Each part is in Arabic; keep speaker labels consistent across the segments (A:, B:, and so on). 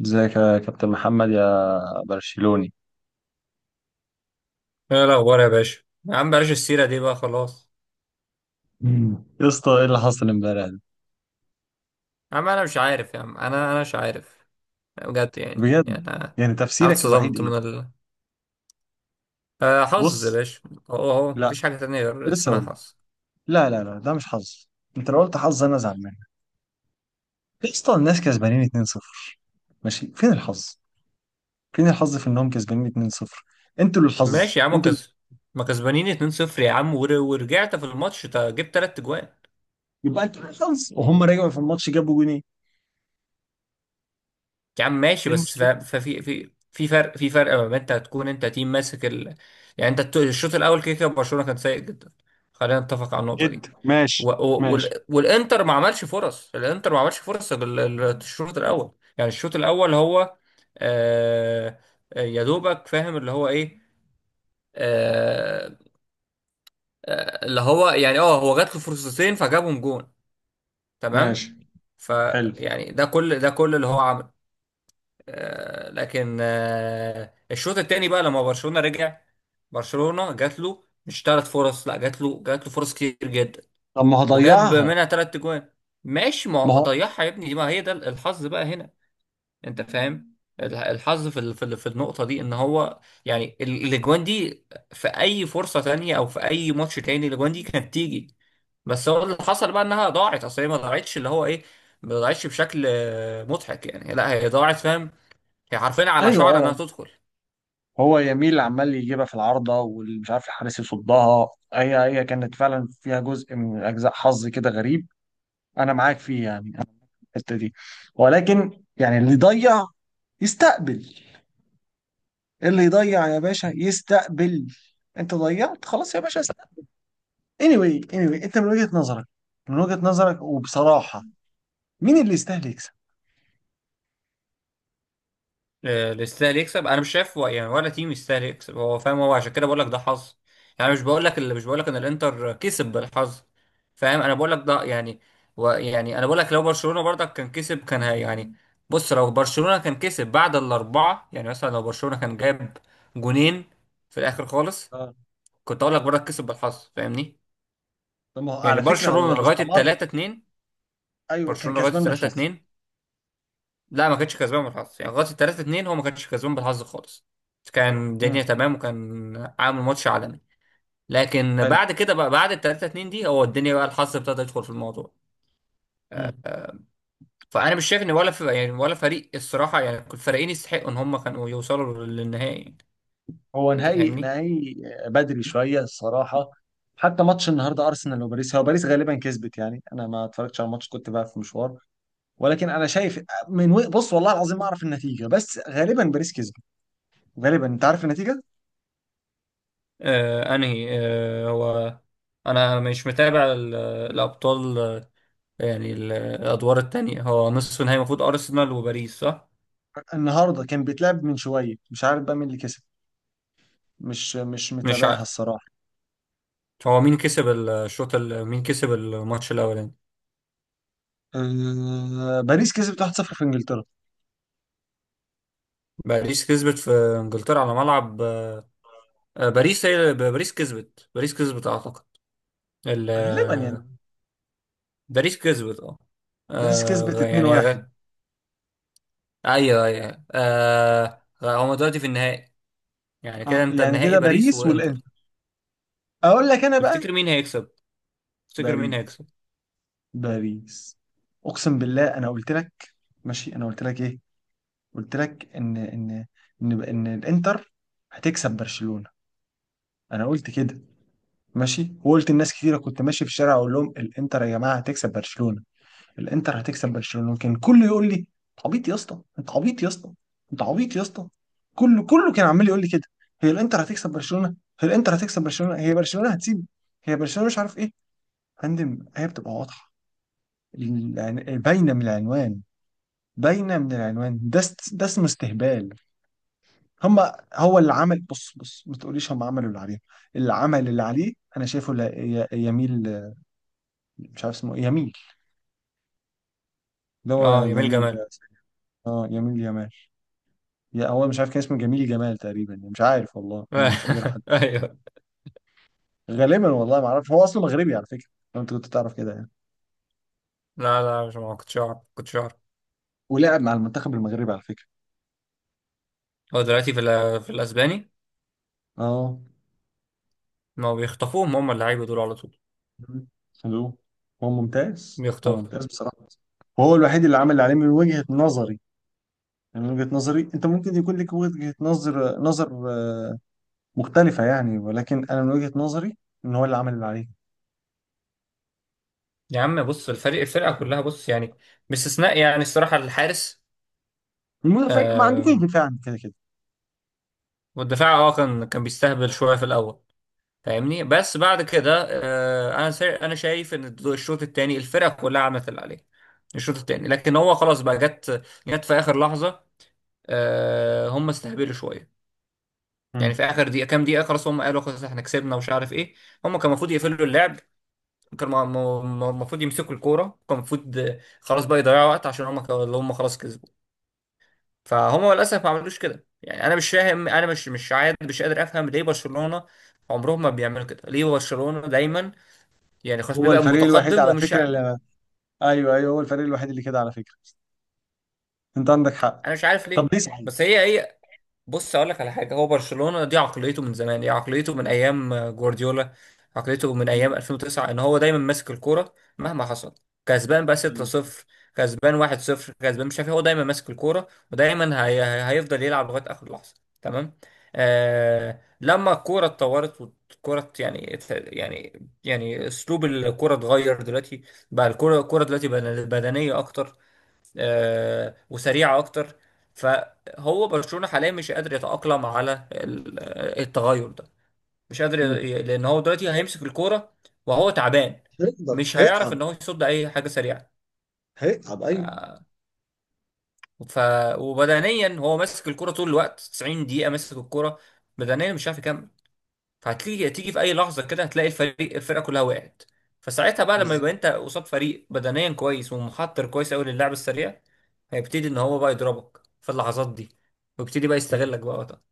A: ازيك يا كابتن محمد يا برشلوني.
B: ايه الاخبار يا باشا، يا عم بلاش السيره دي بقى خلاص.
A: يا اسطى ايه اللي حصل امبارح ده
B: يا عم انا مش عارف يا عم، انا مش عارف بجد. يعني
A: بجد؟
B: يعني انا
A: يعني
B: أنا
A: تفسيرك الوحيد
B: اتصدمت
A: ايه؟
B: من ال آه، حظ يا
A: بص،
B: باشا. اهو
A: لا،
B: مفيش حاجه تانية غير
A: لسه
B: اسمها
A: اقول لك.
B: حظ.
A: لا لا لا ده مش حظ، انت لو قلت حظ انا زعلان. يا اسطى الناس كسبانين 2-0، ماشي، فين الحظ؟ فين الحظ في انهم كسبانين 2-0؟ انتوا اللي الحظ
B: ماشي يا عم
A: انتوا اللي...
B: كز، ما كسبانين 2-0 يا عم، ورجعت في الماتش، جبت تلات اجوان.
A: يبقى انتوا اللي الحظ وهم رجعوا في الماتش جابوا جونين؟
B: يا عم
A: ايه
B: ماشي بس ف-
A: المشكله؟
B: ففي في في فرق في فرق ما بين انت هتكون انت تيم ماسك يعني انت الشوط الاول كده كده برشلونه كان سيء جدا. خلينا نتفق على النقطه دي.
A: جد ماشي. ماشي.
B: والانتر ما عملش فرص، الانتر ما عملش فرص غير الشوط الاول. يعني الشوط الاول هو آه... يا دوبك فاهم اللي هو ايه. آه... اللي هو يعني اه هو جات له فرصتين فجابهم جون.
A: ماشي.
B: تمام.
A: حلو.
B: فيعني ده كل ده كل اللي هو عمله. لكن الشوط الثاني بقى لما برشلونة رجع. برشلونة جات له مش ثلاث فرص، لا جات له، فرص كتير جدا.
A: طب ما
B: وجاب
A: هضيعها.
B: منها ثلاث جوان. ماشي ما
A: ما
B: هو
A: هو
B: ضيعها يا ابني، دي ما هي ده الحظ بقى هنا. انت فاهم الحظ في في النقطة دي ان هو يعني الاجوان دي في اي فرصة تانية او في اي ماتش تاني الاجوان دي كانت تيجي. بس هو اللي حصل بقى انها ضاعت، اصل هي ما ضاعتش اللي هو ايه، ما ضاعتش بشكل مضحك يعني، لا هي ضاعت فاهم. هي حرفيا على
A: ايوه
B: شعر انها
A: اه،
B: تدخل.
A: هو يميل عمال يجيبها في العارضة واللي مش عارف الحارس يصدها. هي كانت فعلا فيها جزء من أجزاء حظ كده غريب، أنا معاك فيه، يعني أنا في الحتة دي. ولكن يعني اللي يضيع يستقبل، اللي يضيع يا باشا يستقبل، أنت ضيعت خلاص يا باشا، استقبل. Anyway, أنت من وجهة نظرك، من وجهة نظرك وبصراحة، مين اللي يستاهل يكسب؟
B: اللي يستاهل يكسب انا مش شايف يعني ولا تيم يستاهل يكسب، هو فاهم، هو عشان كده بقول لك ده حظ. يعني مش بقول لك، ان الانتر كسب بالحظ، فاهم. انا بقول لك ده يعني. و يعني انا بقول لك لو برشلونة برضك كان كسب كان هي يعني، بص لو برشلونة كان كسب بعد الاربعة، يعني مثلا لو برشلونة كان جاب جونين في الاخر خالص،
A: اه،
B: كنت اقول لك برضك كسب بالحظ فاهمني.
A: طب ما هو
B: يعني
A: على فكرة هو
B: برشلونة
A: لو
B: لغاية
A: استمر،
B: 3-2،
A: أيوه كان
B: برشلونة لغاية
A: كسبان
B: التلاتة
A: بالحظ.
B: اتنين لا ما كانش كسبان بالحظ، يعني لغايه 3-2 هو ما كانش كسبان بالحظ خالص، كان
A: امم،
B: الدنيا تمام وكان عامل ماتش عالمي. لكن
A: حلو.
B: بعد كده بقى بعد 3-2 دي هو الدنيا بقى الحظ ابتدى يدخل في الموضوع.
A: مم.
B: فانا مش شايف ان ولا في يعني ولا فريق الصراحه، يعني كل الفريقين يستحقوا ان هم كانوا يوصلوا للنهائي يعني.
A: هو
B: انت
A: نهائي
B: فاهمني.
A: نهائي بدري شويه الصراحه. حتى ماتش النهارده ارسنال وباريس، هو باريس غالبا كسبت، يعني انا ما اتفرجتش على الماتش، كنت بقى في مشوار، ولكن انا شايف بص والله العظيم ما اعرف النتيجه بس غالبا باريس كسبت. غالبا انت عارف النتيجه.
B: آه انهي آه هو، انا مش متابع الابطال يعني الادوار التانية، هو نصف النهائي المفروض ارسنال وباريس صح؟
A: النهارده كان بيتلعب من شويه، مش عارف بقى مين اللي كسب، مش
B: مش
A: متابعها
B: ع...
A: الصراحه.
B: هو مين كسب الشوط مين كسب الماتش الاولاني؟
A: باريس كسبت 1-0 في انجلترا،
B: باريس كسبت في انجلترا على ملعب، باريس، هي باريس كسبت، باريس كسبت اعتقد ال-
A: غالبا يعني.
B: آه، باريس كسبت اه،
A: باريس
B: آه،
A: كسبت
B: غ- يعني
A: 2-1.
B: غ... ايوه ايوه أيوه. هما دلوقتي في النهائي. يعني كده
A: اه
B: انت
A: يعني
B: النهائي
A: كده
B: باريس
A: باريس
B: وانتر.
A: والانتر. اقول لك انا بقى،
B: تفتكر مين هيكسب؟ تفتكر مين
A: باريس،
B: هيكسب
A: باريس، اقسم بالله انا قلت لك، ماشي، انا قلت لك ايه؟ قلت لك ان ان الانتر هتكسب برشلونة. انا قلت كده، ماشي، وقلت لناس كتيره، كنت ماشي في الشارع اقول لهم، الانتر يا جماعه هتكسب برشلونة، الانتر هتكسب برشلونة. كان كله يقول لي انت عبيط يا اسطى، انت عبيط يا اسطى، انت عبيط يا اسطى. كله كان عمال يقول لي كده، هي الانتر هتكسب برشلونة، هي الانتر هتكسب برشلونة، هي برشلونة هتسيب، هي برشلونة مش عارف ايه يا فندم. هي بتبقى واضحه، باينه من العنوان، باينه من العنوان، ده اسمه استهبال. هم هو اللي عمل، بص، ما تقوليش هم عملوا اللي عليهم، اللي عمل اللي عليه انا شايفه لا... ي... يميل، مش عارف اسمه إيه، يميل اللي هو
B: اه يميل
A: جميل
B: جمال.
A: ده. اه يميل يمال، يا هو مش عارف كان اسمه جميل جمال تقريبا، مش عارف والله انا مش قادر احدد.
B: ايوه.
A: غالبا والله ما اعرف، هو اصله مغربي على فكره، لو انت كنت تعرف كده يعني.
B: لا مش، ما كنتش اعرف،
A: ولعب مع المنتخب المغربي على فكره.
B: هو دلوقتي في في الاسباني،
A: اه،
B: ما بيخطفوهم هم اللعيبه دول على طول.
A: حلو. هو ممتاز، هو
B: بيخطفوا.
A: ممتاز بصراحه. وهو الوحيد اللي عمل اللي عليه من وجهه نظري. يعني من وجهة نظري، انت ممكن يكون لك وجهة نظر مختلفة يعني، ولكن انا من وجهة نظري ان هو اللي عمل اللي عليه.
B: يا عم بص الفريق الفرقة كلها بص يعني، باستثناء يعني الصراحة الحارس.
A: المدافع، ما عندكوش
B: آم،
A: دفاع عن كده كده.
B: والدفاع اه كان كان بيستهبل شوية في الأول فاهمني، بس بعد كده أنا أنا شايف إن الشوط التاني الفرقة كلها عملت اللي عليها الشوط التاني، لكن هو خلاص بقى جت، في آخر لحظة. هم استهبلوا شوية يعني
A: مم.
B: في آخر دقيقة كام دقيقة خلاص، هم قالوا خلاص إحنا كسبنا ومش عارف إيه. هم كان المفروض يقفلوا اللعب، كان المفروض يمسكوا الكورة، كان المفروض خلاص بقى يضيعوا وقت عشان هم، هم خلاص كسبوا. فهم للاسف ما عملوش كده. يعني انا مش فاهم، انا مش عاد مش قادر افهم ليه برشلونه عمرهم ما بيعملوا كده، ليه برشلونه دايما يعني خلاص
A: هو
B: بيبقى
A: الفريق الوحيد
B: متقدم
A: على
B: ومش
A: فكرة اللي، ايوه ايوه، هو الفريق الوحيد اللي كده على فكرة، انت عندك حق.
B: انا مش عارف
A: طب
B: ليه.
A: ليه صحيح؟
B: بس هي بص اقول لك على حاجه، هو برشلونه دي عقليته من زمان، دي عقليته من ايام جوارديولا، عقليته من
A: مم.
B: ايام 2009 ان هو دايما ماسك الكوره مهما حصل. كسبان بقى
A: أيوة.
B: 6-0، كسبان 1-0، كسبان مش عارف إيه، هو دايما ماسك الكوره، ودايما هيفضل يلعب لغايه اخر لحظه. تمام. لما الكوره اتطورت والكوره يعني اسلوب الكوره اتغير دلوقتي، بقى الكوره دلوقتي بدنيه اكتر وسريعة أكتر. فهو برشلونة حاليا مش قادر يتأقلم على التغير ده، مش قادر
A: مم.
B: لأن هو دلوقتي هيمسك الكورة وهو تعبان،
A: هيقدر
B: مش هيعرف
A: هيتعب.
B: إن هو يصد أي حاجة سريعة.
A: هيتعب
B: ف...
A: ايوه.
B: ف... وبدنيا هو ماسك الكورة طول الوقت 90 دقيقة ماسك الكورة، بدنيا مش عارف يكمل. فهتيجي، في اي لحظه كده هتلاقي الفريق الفرقه كلها وقعت. فساعتها بقى لما
A: بالظبط.
B: يبقى انت قصاد فريق بدنيا كويس ومحضر كويس قوي للعب السريع، هيبتدي ان هو بقى يضربك في اللحظات دي، ويبتدي بقى
A: مم.
B: يستغلك بقى وقتها.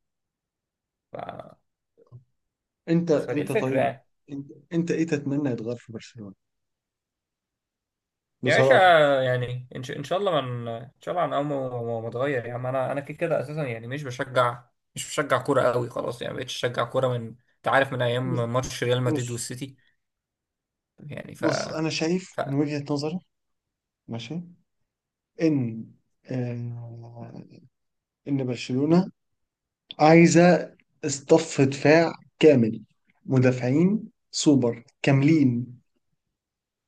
B: ف...
A: انت
B: فدي
A: انت
B: الفكره
A: طيب،
B: يعني.
A: انت ايه تتمنى يتغير في برشلونة
B: يا باشا،
A: بصراحة؟
B: يعني ان شاء إن شاء الله من ان شاء الله عن اول ما ما اتغير يا عم، انا كده كده اساسا يعني مش بشجع، كوره قوي خلاص يعني مبقتش اشجع كوره من، انت عارف من
A: بص
B: ايام ماتش ريال مدريد
A: بص
B: والسيتي. يعني ف
A: بص، انا شايف
B: ف
A: من وجهة نظري، ماشي، ان آه، ان برشلونة عايزة اصطف دفاع كامل، مدافعين سوبر كاملين،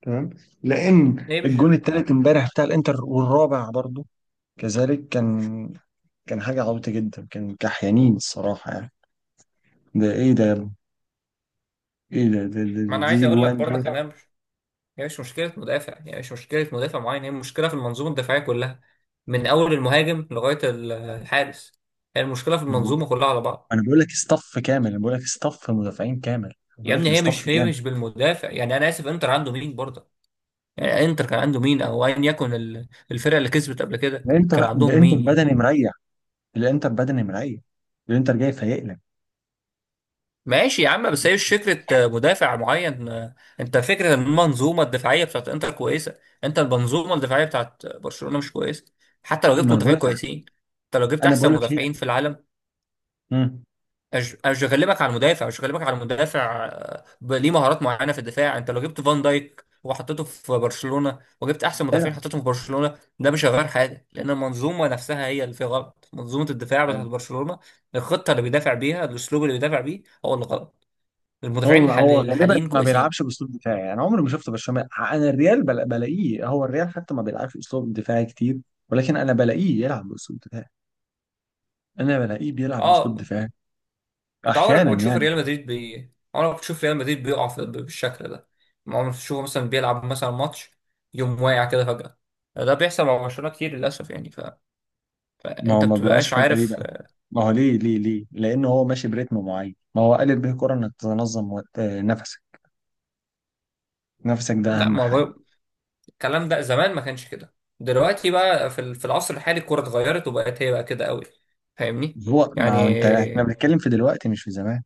A: تمام؟ لان
B: ليه مش،
A: الجون التالت امبارح بتاع الانتر والرابع برضو كذلك، كان كان حاجة عبيطة جدا، كان كحيانين الصراحة يعني، ده ايه ده يا ابني؟ ايه ده, ده, ده,
B: ما
A: ده
B: انا عايز
A: دي
B: اقول لك
A: جوان
B: برضك ان انا هي مش مشكلة مدافع، يعني مش مشكلة مدافع معين، هي مشكلة في المنظومة الدفاعية كلها من أول المهاجم لغاية الحارس. هي المشكلة في
A: دي.
B: المنظومة كلها على بعض.
A: انا بقول لك اصطف كامل، انا بقول لك اصطف مدافعين كامل، انا
B: يا
A: بقول لك
B: ابني هي
A: الاصطف
B: مش هي
A: كامل.
B: مش بالمدافع، يعني أنا آسف إنتر عنده مين برضه؟ يعني إنتر كان عنده مين أو أيا يكن الفرقة اللي كسبت قبل كده
A: الانتر،
B: كان عندهم
A: الانتر
B: مين يعني؟
A: بدني مريح، الانتر بدني مريح، الانتر جاي فايق لك.
B: ماشي يا عم، بس هي مش فكرة مدافع معين، أنت فكرة إن المنظومة الدفاعية بتاعت إنتر كويسة، أنت المنظومة الدفاعية بتاعت برشلونة مش كويسة، حتى لو
A: ما
B: جبت
A: انا بقول
B: مدافعين
A: لك،
B: كويسين، أنت لو جبت
A: انا
B: أحسن
A: بقول لك هي،
B: مدافعين في العالم.
A: امم،
B: اشغلبك على المدافع، ليه مهارات معينه في الدفاع. انت لو جبت فان دايك وحطيته في برشلونه وجبت احسن
A: بيلعب.
B: مدافعين حطيتهم في برشلونه ده مش هيغير حاجه، لان المنظومه نفسها هي اللي فيها غلط، منظومه الدفاع بتاعت
A: أيوة.
B: برشلونه، الخطه اللي بيدافع بيها الاسلوب اللي بيدافع بيه هو اللي غلط. المدافعين
A: هو هو غالبا
B: الحاليين
A: ما بيلعبش
B: كويسين.
A: باسلوب دفاعي، يعني عمري ما شفته برشلونه، انا الريال بلاقيه، هو الريال حتى ما بيلعبش اسلوب دفاعي كتير، ولكن انا بلاقيه يلعب باسلوب دفاعي، انا بلاقيه بيلعب باسلوب
B: اه.
A: دفاعي.
B: انت عمرك
A: احيانا
B: ما تشوف
A: يعني.
B: ريال مدريد عمرك ما تشوف ريال مدريد بيقع بالشكل ده. عمرك ما تشوفه مثلا بيلعب مثلا ماتش، يوم واقع كده فجاه. ده بيحصل مع برشلونه كتير للاسف يعني.
A: ما هو
B: انت
A: ما بيقعش
B: بتبقاش
A: فجاه ليه
B: عارف.
A: بقى؟ ما هو ليه؟ لانه هو ماشي بريتم معين، ما هو قالب به الكره انك تنظم نفسك، نفسك ده
B: لا
A: اهم
B: ما
A: حاجه.
B: هو الكلام ده زمان ما كانش كده، دلوقتي بقى في في العصر الحالي الكوره اتغيرت وبقت هي بقى كده قوي فاهمني.
A: هو ما هو انت، احنا
B: يعني
A: بنتكلم في دلوقتي مش في زمان،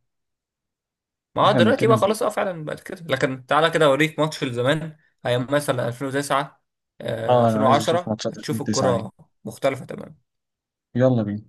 B: ما هو
A: احنا
B: دلوقتي بقى
A: بنتكلم في
B: خلاص اه
A: إيه؟
B: فعلا بقت كده، لكن تعالى كده اوريك ماتش لزمان، ايام مثلا 2009
A: اه، انا عايز اشوف
B: 2010
A: ماتشات
B: هتشوف
A: 2009 دي،
B: الكوره مختلفه تماما.
A: يلا بينا.